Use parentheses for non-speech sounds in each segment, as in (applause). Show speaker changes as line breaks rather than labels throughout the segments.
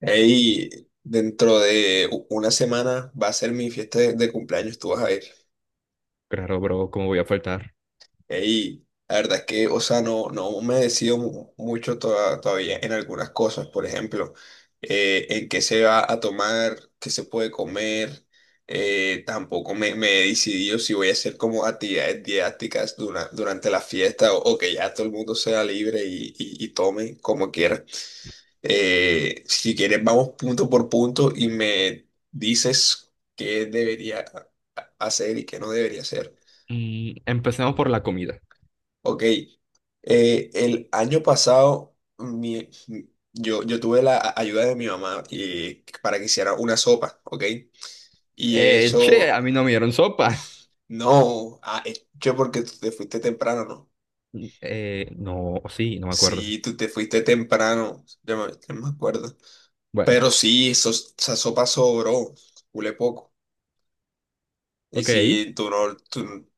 Ey, dentro de una semana va a ser mi fiesta de cumpleaños, tú vas a ir.
Claro, bro, ¿cómo voy a faltar?
Ey, la verdad es que, o sea, no me decido mucho todavía en algunas cosas, por ejemplo, en qué se va a tomar, qué se puede comer. Tampoco me he decidido si voy a hacer como actividades didácticas durante la fiesta o que ya todo el mundo sea libre y tome como quiera. Si quieres, vamos punto por punto y me dices qué debería hacer y qué no debería hacer.
Mm, empecemos por la comida.
Ok, el año pasado yo tuve la ayuda de mi mamá, para que hiciera una sopa, ok, y
Che,
eso
a mí no me dieron sopa. (laughs)
no ha hecho porque tú te fuiste temprano, ¿no?
No, sí, no me acuerdo.
Sí, tú te fuiste temprano, yo me acuerdo,
Bueno,
pero sí, esa sopa sobró, culé poco. Y
ok,
si tú no, tú,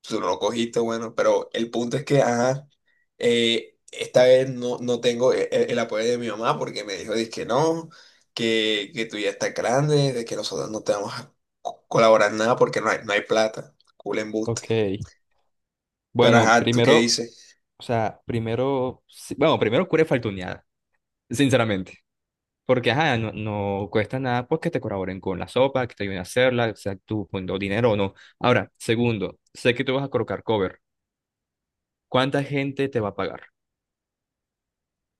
tú no lo cogiste, bueno, pero el punto es que, ajá, esta vez no tengo el apoyo de mi mamá porque me dijo que no, que tú ya estás grande, de que nosotros no te vamos a colaborar en nada porque no hay plata, cool embuste.
ok.
Pero
Bueno,
ajá, ¿tú qué
primero,
dices?
o sea, primero, sí, bueno, primero cura faltuneada, sinceramente. Porque, ajá, no, no cuesta nada porque te colaboren con la sopa, que te ayuden a hacerla, o sea, tú poniendo dinero o no. Ahora, segundo, sé que tú vas a colocar cover. ¿Cuánta gente te va a pagar?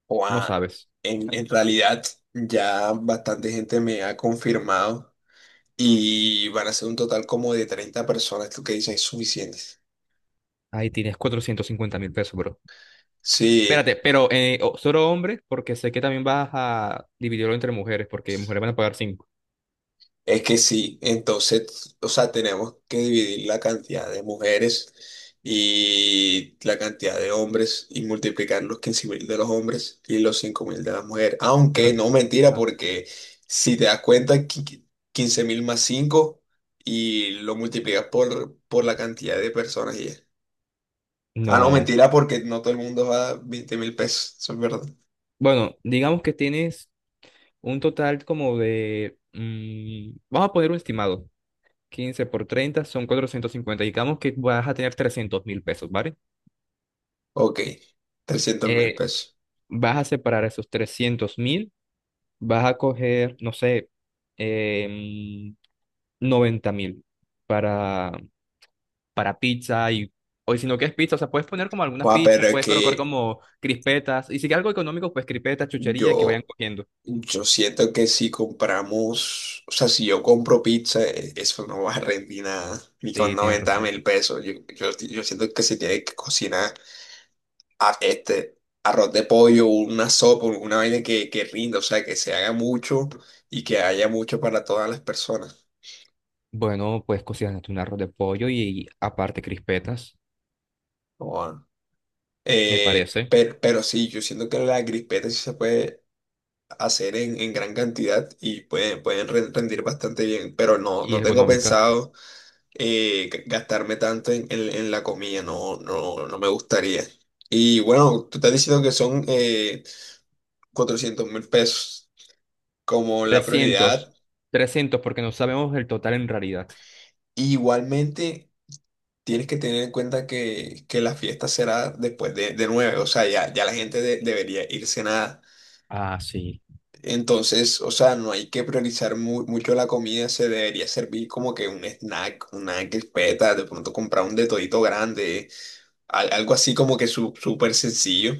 O,
No
ah,
sabes.
en realidad ya bastante gente me ha confirmado y van a ser un total como de 30 personas, ¿tú qué dices? ¿Es suficiente?
Ahí tienes 450.000 pesos, bro.
Sí.
Espérate, pero solo hombres, porque sé que también vas a dividirlo entre mujeres, porque mujeres van a pagar cinco.
Es que sí, entonces, o sea, tenemos que dividir la cantidad de mujeres y la cantidad de hombres y multiplicar los 15.000 de los hombres y los 5.000 de las mujeres.
Pero
Aunque no, mentira,
ajá,
porque si te das cuenta, 15.000 más 5 y lo multiplicas por la cantidad de personas y ya. Ah, no,
no.
mentira, porque no todo el mundo va a 20 mil pesos, eso es verdad.
Bueno, digamos que tienes un total como de, mm, vamos a poner un estimado. 15 por 30 son 450. Digamos que vas a tener 300.000 pesos, ¿vale?
Ok, 300.000
Eh,
pesos.
Vas a separar esos 300.000, vas a coger, no sé, eh, mm, 90.000 para para pizza, y o si no quieres pizza, o sea, puedes poner como algunas
Joder,
pizzas,
pero es
puedes colocar
que
como crispetas y si quieres algo económico, pues crispetas, chuchería que vayan
yo,
cogiendo.
Yo siento que si compramos, o sea, si yo compro pizza, eso no va a rendir nada, ni con
Sí, tienes
noventa
razón.
mil pesos. Yo siento que se tiene que cocinar este arroz de pollo, una sopa, una vaina que rinda, o sea, que se haga mucho y que haya mucho para todas las personas.
Bueno, pues cocinaste un arroz de pollo y aparte crispetas,
Joda.
me parece,
Pero sí, yo siento que la crispeta sí se puede hacer en gran cantidad y pueden rendir bastante bien, pero no,
y
no
es
tengo
económica.
pensado gastarme tanto en la comida, no me gustaría. Y bueno, tú estás diciendo que son, 400 mil pesos como la prioridad.
300 300 porque no sabemos el total en realidad.
Igualmente, tienes que tener en cuenta que la fiesta será después de nueve, o sea, ya la gente debería ir cenada.
Ah, sí.
Entonces, o sea, no hay que priorizar mucho la comida, se debería servir como que un snack, una crispeta, de pronto comprar un de todito grande, algo así como que súper sencillo.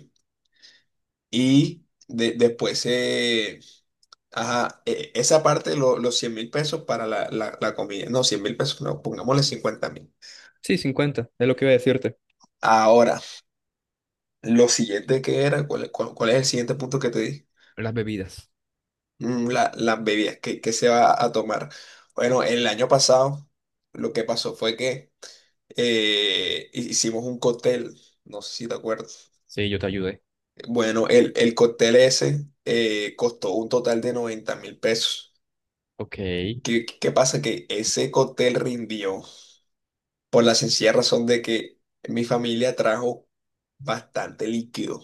Y después, ajá, esa parte, los 100.000 pesos para la comida. No, 100.000 pesos no, pongámosle 50.000.
Sí, 50 es lo que iba a decirte.
Ahora, lo siguiente que era, ¿cuál es el siguiente punto que te di?
Las bebidas.
Las bebidas, ¿qué se va a tomar? Bueno, el año pasado lo que pasó fue que, hicimos un cóctel, no sé si te acuerdas.
Sí, yo te ayudé.
Bueno, el cóctel ese, costó un total de 90.000 pesos.
Ok.
¿Qué pasa? Que ese cóctel rindió por la sencilla razón de que mi familia trajo bastante líquido.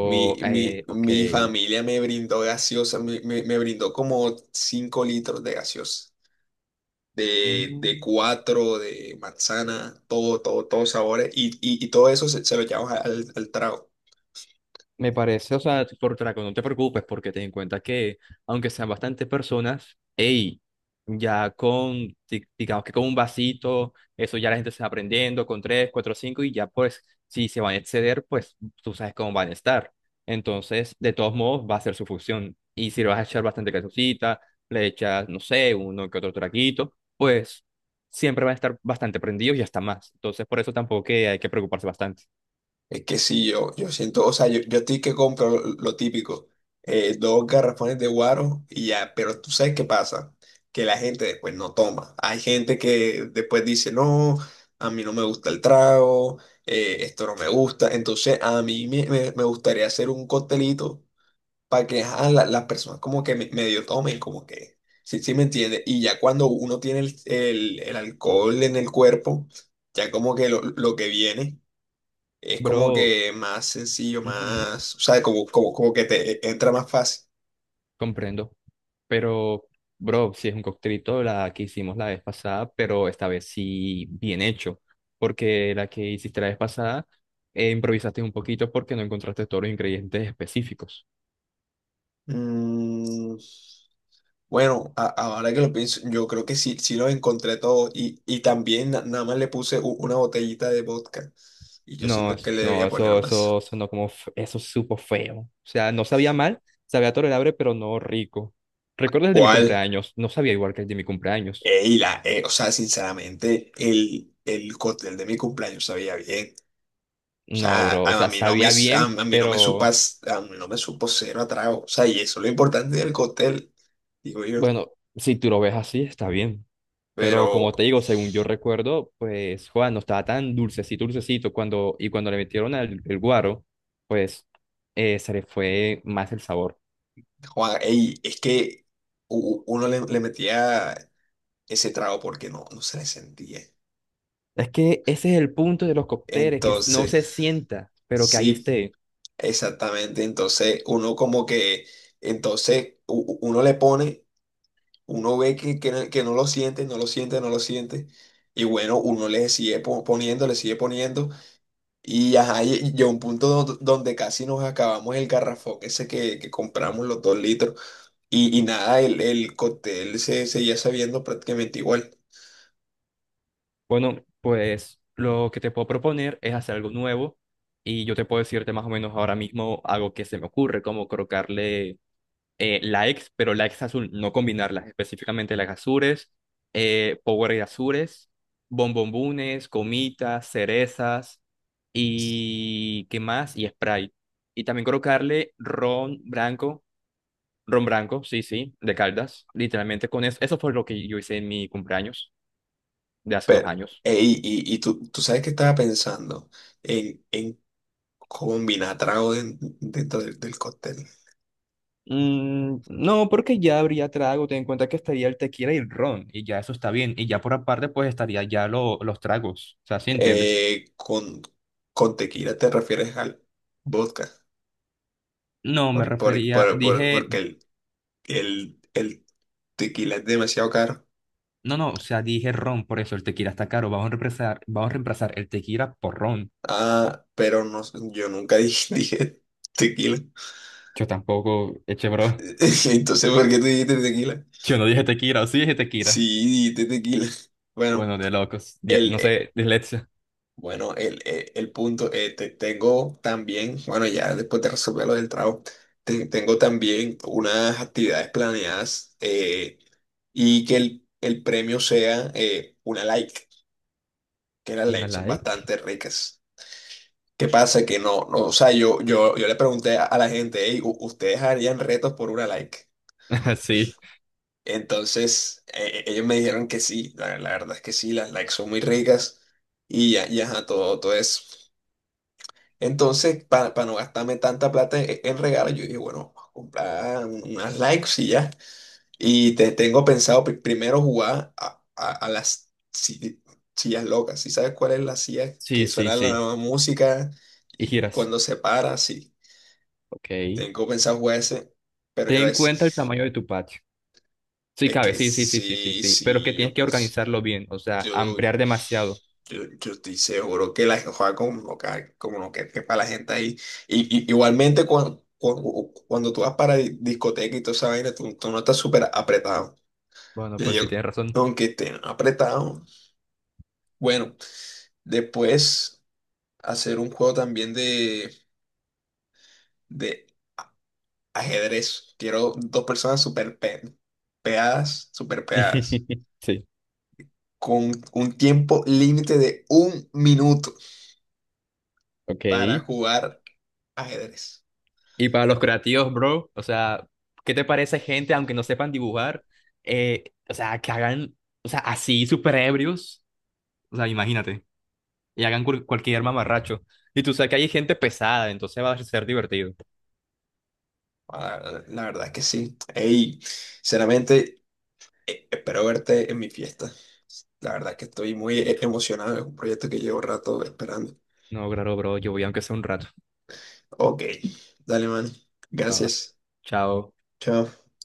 Mi, mi,
ok.
mi familia me brindó gaseosa, me brindó como 5 litros de gaseosa, de
Mm.
cuatro, de manzana, todos sabores, y todo eso se lo llevamos al trago.
Me parece, o sea, por traco, no te preocupes porque ten en cuenta que, aunque sean bastantes personas, hey, ya con, digamos que con un vasito, eso ya la gente se va aprendiendo, con tres, cuatro, cinco, y ya pues, si se van a exceder, pues tú sabes cómo van a estar. Entonces, de todos modos, va a ser su fusión. Y si le vas a echar bastante calzoncita, le echas, no sé, uno que otro traguito, pues siempre van a estar bastante prendidos y hasta más. Entonces, por eso tampoco que hay que preocuparse bastante.
Es que sí, yo siento, o sea, yo a ti que compro lo típico, dos garrafones de guaro y ya, pero tú sabes qué pasa, que la gente después no toma. Hay gente que después dice, no, a mí no me gusta el trago, esto no me gusta, entonces a mí me gustaría hacer un costelito para que, ajá, las personas como que medio tomen, como que, sí me entiende. Y ya cuando uno tiene el alcohol en el cuerpo, ya como que lo que viene. Es como
Bro.
que más sencillo,
Ujú.
más, o sea, como que te entra más fácil.
Comprendo. Pero, bro, si es un coctelito, la que hicimos la vez pasada, pero esta vez sí bien hecho. Porque la que hiciste la vez pasada, improvisaste un poquito porque no encontraste todos los ingredientes específicos.
Mm, bueno, ahora que lo pienso, yo creo que sí lo encontré todo y también nada más le puse una botellita de vodka y yo
No,
siento que
eso,
le
no,
debía poner
eso,
más.
eso sonó como, eso supo feo. O sea, no sabía mal, sabía tolerable, pero no rico. ¿Recuerdas el de mi
¿Cuál?
cumpleaños? No sabía igual que el de mi cumpleaños.
Ey, o sea, sinceramente, el cóctel de mi cumpleaños sabía bien. O
No,
sea,
bro, o
a
sea,
mí no me,
sabía
a,
bien,
a mí no me
pero
supas, a mí no me supo cero a trago, o sea, y eso es lo importante del cóctel, digo yo.
bueno, si tú lo ves así, está bien. Pero
Pero,
como te digo, según yo recuerdo, pues Juan no estaba tan dulcecito, dulcecito. Cuando le metieron el guaro, pues se le fue más el sabor.
Juan, ey, es que uno le metía ese trago porque no se le sentía.
Es que ese es el punto de los cócteles, que no se
Entonces,
sienta, pero que ahí
sí,
esté.
exactamente. Entonces, uno como que, entonces, uno le pone, uno ve que, no que no lo siente, no lo siente, no lo siente. Y bueno, uno le sigue poniendo, le sigue poniendo. Y, ajá, y llegó un punto donde casi nos acabamos el garrafón ese que compramos, los 2 litros. Y nada, el cóctel se seguía sabiendo prácticamente igual.
Bueno, pues lo que te puedo proponer es hacer algo nuevo. Y yo te puedo decirte más o menos ahora mismo algo que se me ocurre, como colocarle likes, pero likes azul, no combinarlas, específicamente las azures, Power azures, bombombunes, gomitas, cerezas y qué más, y Sprite. Y también colocarle ron blanco, sí, sí, de Caldas, literalmente con eso. Eso fue lo que yo hice en mi cumpleaños de hace dos
Pero,
años.
ey, y tú sabes que estaba pensando en combinar trago dentro del cóctel.
Mm, no, porque ya habría trago, ten en cuenta que estaría el tequila y el ron, y ya eso está bien, y ya por aparte pues estaría ya los tragos, o sea, ¿sí entiendes?
Eh, con, con tequila te refieres al vodka,
No, me
por- por-
refería,
por- por-
dije,
porque el tequila es demasiado caro.
no, no, o sea, dije ron, por eso el tequila está caro. Vamos a reemplazar el tequila por ron.
Ah, pero no sé, yo nunca dije, (laughs) dije tequila.
Yo tampoco, eche bro.
(laughs) Entonces, ¿por qué tú dijiste tequila?
(laughs) Yo no dije tequila, o sí dije
Sí,
tequila.
dijiste tequila. Bueno.
Bueno, de locos. Ya,
El,
no sé, dislexia.
Bueno, el punto, tengo también, bueno, ya después de resolver lo del trabajo, tengo también unas actividades planeadas, y que el premio sea, una like, que las
Una
likes son
like.
bastante ricas. ¿Qué pasa? Que no, o sea, yo le pregunté a la gente, hey, ¿ustedes harían retos por una like?
(laughs) Sí,
Entonces, ellos me dijeron que sí, la verdad es que sí, las likes son muy ricas y ya, ya, ajá, todo eso. Entonces, para no gastarme tanta plata en regalos, yo dije, bueno, vamos a comprar unas likes y ya. Y tengo pensado primero jugar a las sillas locas. ¿Sí sabes cuál es la silla
sí,
que
sí,
suena la
sí.
nueva música
Y
y
giras.
cuando se para? Sí,
Ok. Ten
tengo pensado jugar ese, pero yo voy a
en
decir,
cuenta el tamaño de tu patio. Sí,
es
cabe,
que
sí, sí, sí, sí, sí,
sí,
sí. Pero que
sí, yo
tienes que
pues.
organizarlo bien, o sea,
Yo,
ampliar demasiado.
yo, yo estoy seguro que la juega como que, como no, que para la gente ahí. Y igualmente, cuando tú vas para discoteca y toda esa vaina, tú no estás súper apretado.
Bueno,
Y
pues
yo,
sí, tienes razón.
aunque esté apretado. Bueno, después hacer un juego también de ajedrez. Quiero dos personas súper pegadas, súper pegadas,
(laughs) Sí,
con un tiempo límite de 1 minuto
ok.
para jugar ajedrez.
Y para los creativos, bro, o sea, ¿qué te parece gente, aunque no sepan dibujar, o sea, que hagan, o sea, así súper ebrios, o sea, imagínate, y hagan cualquier mamarracho. Y tú sabes que hay gente pesada, entonces va a ser divertido.
Ah, la verdad es que sí. Ey, sinceramente, espero verte en mi fiesta. La verdad es que estoy muy, emocionado. Es un proyecto que llevo rato esperando.
No, claro, bro, yo voy aunque sea un rato.
Ok, dale, man.
Va, va.
Gracias.
Chao.
Chao.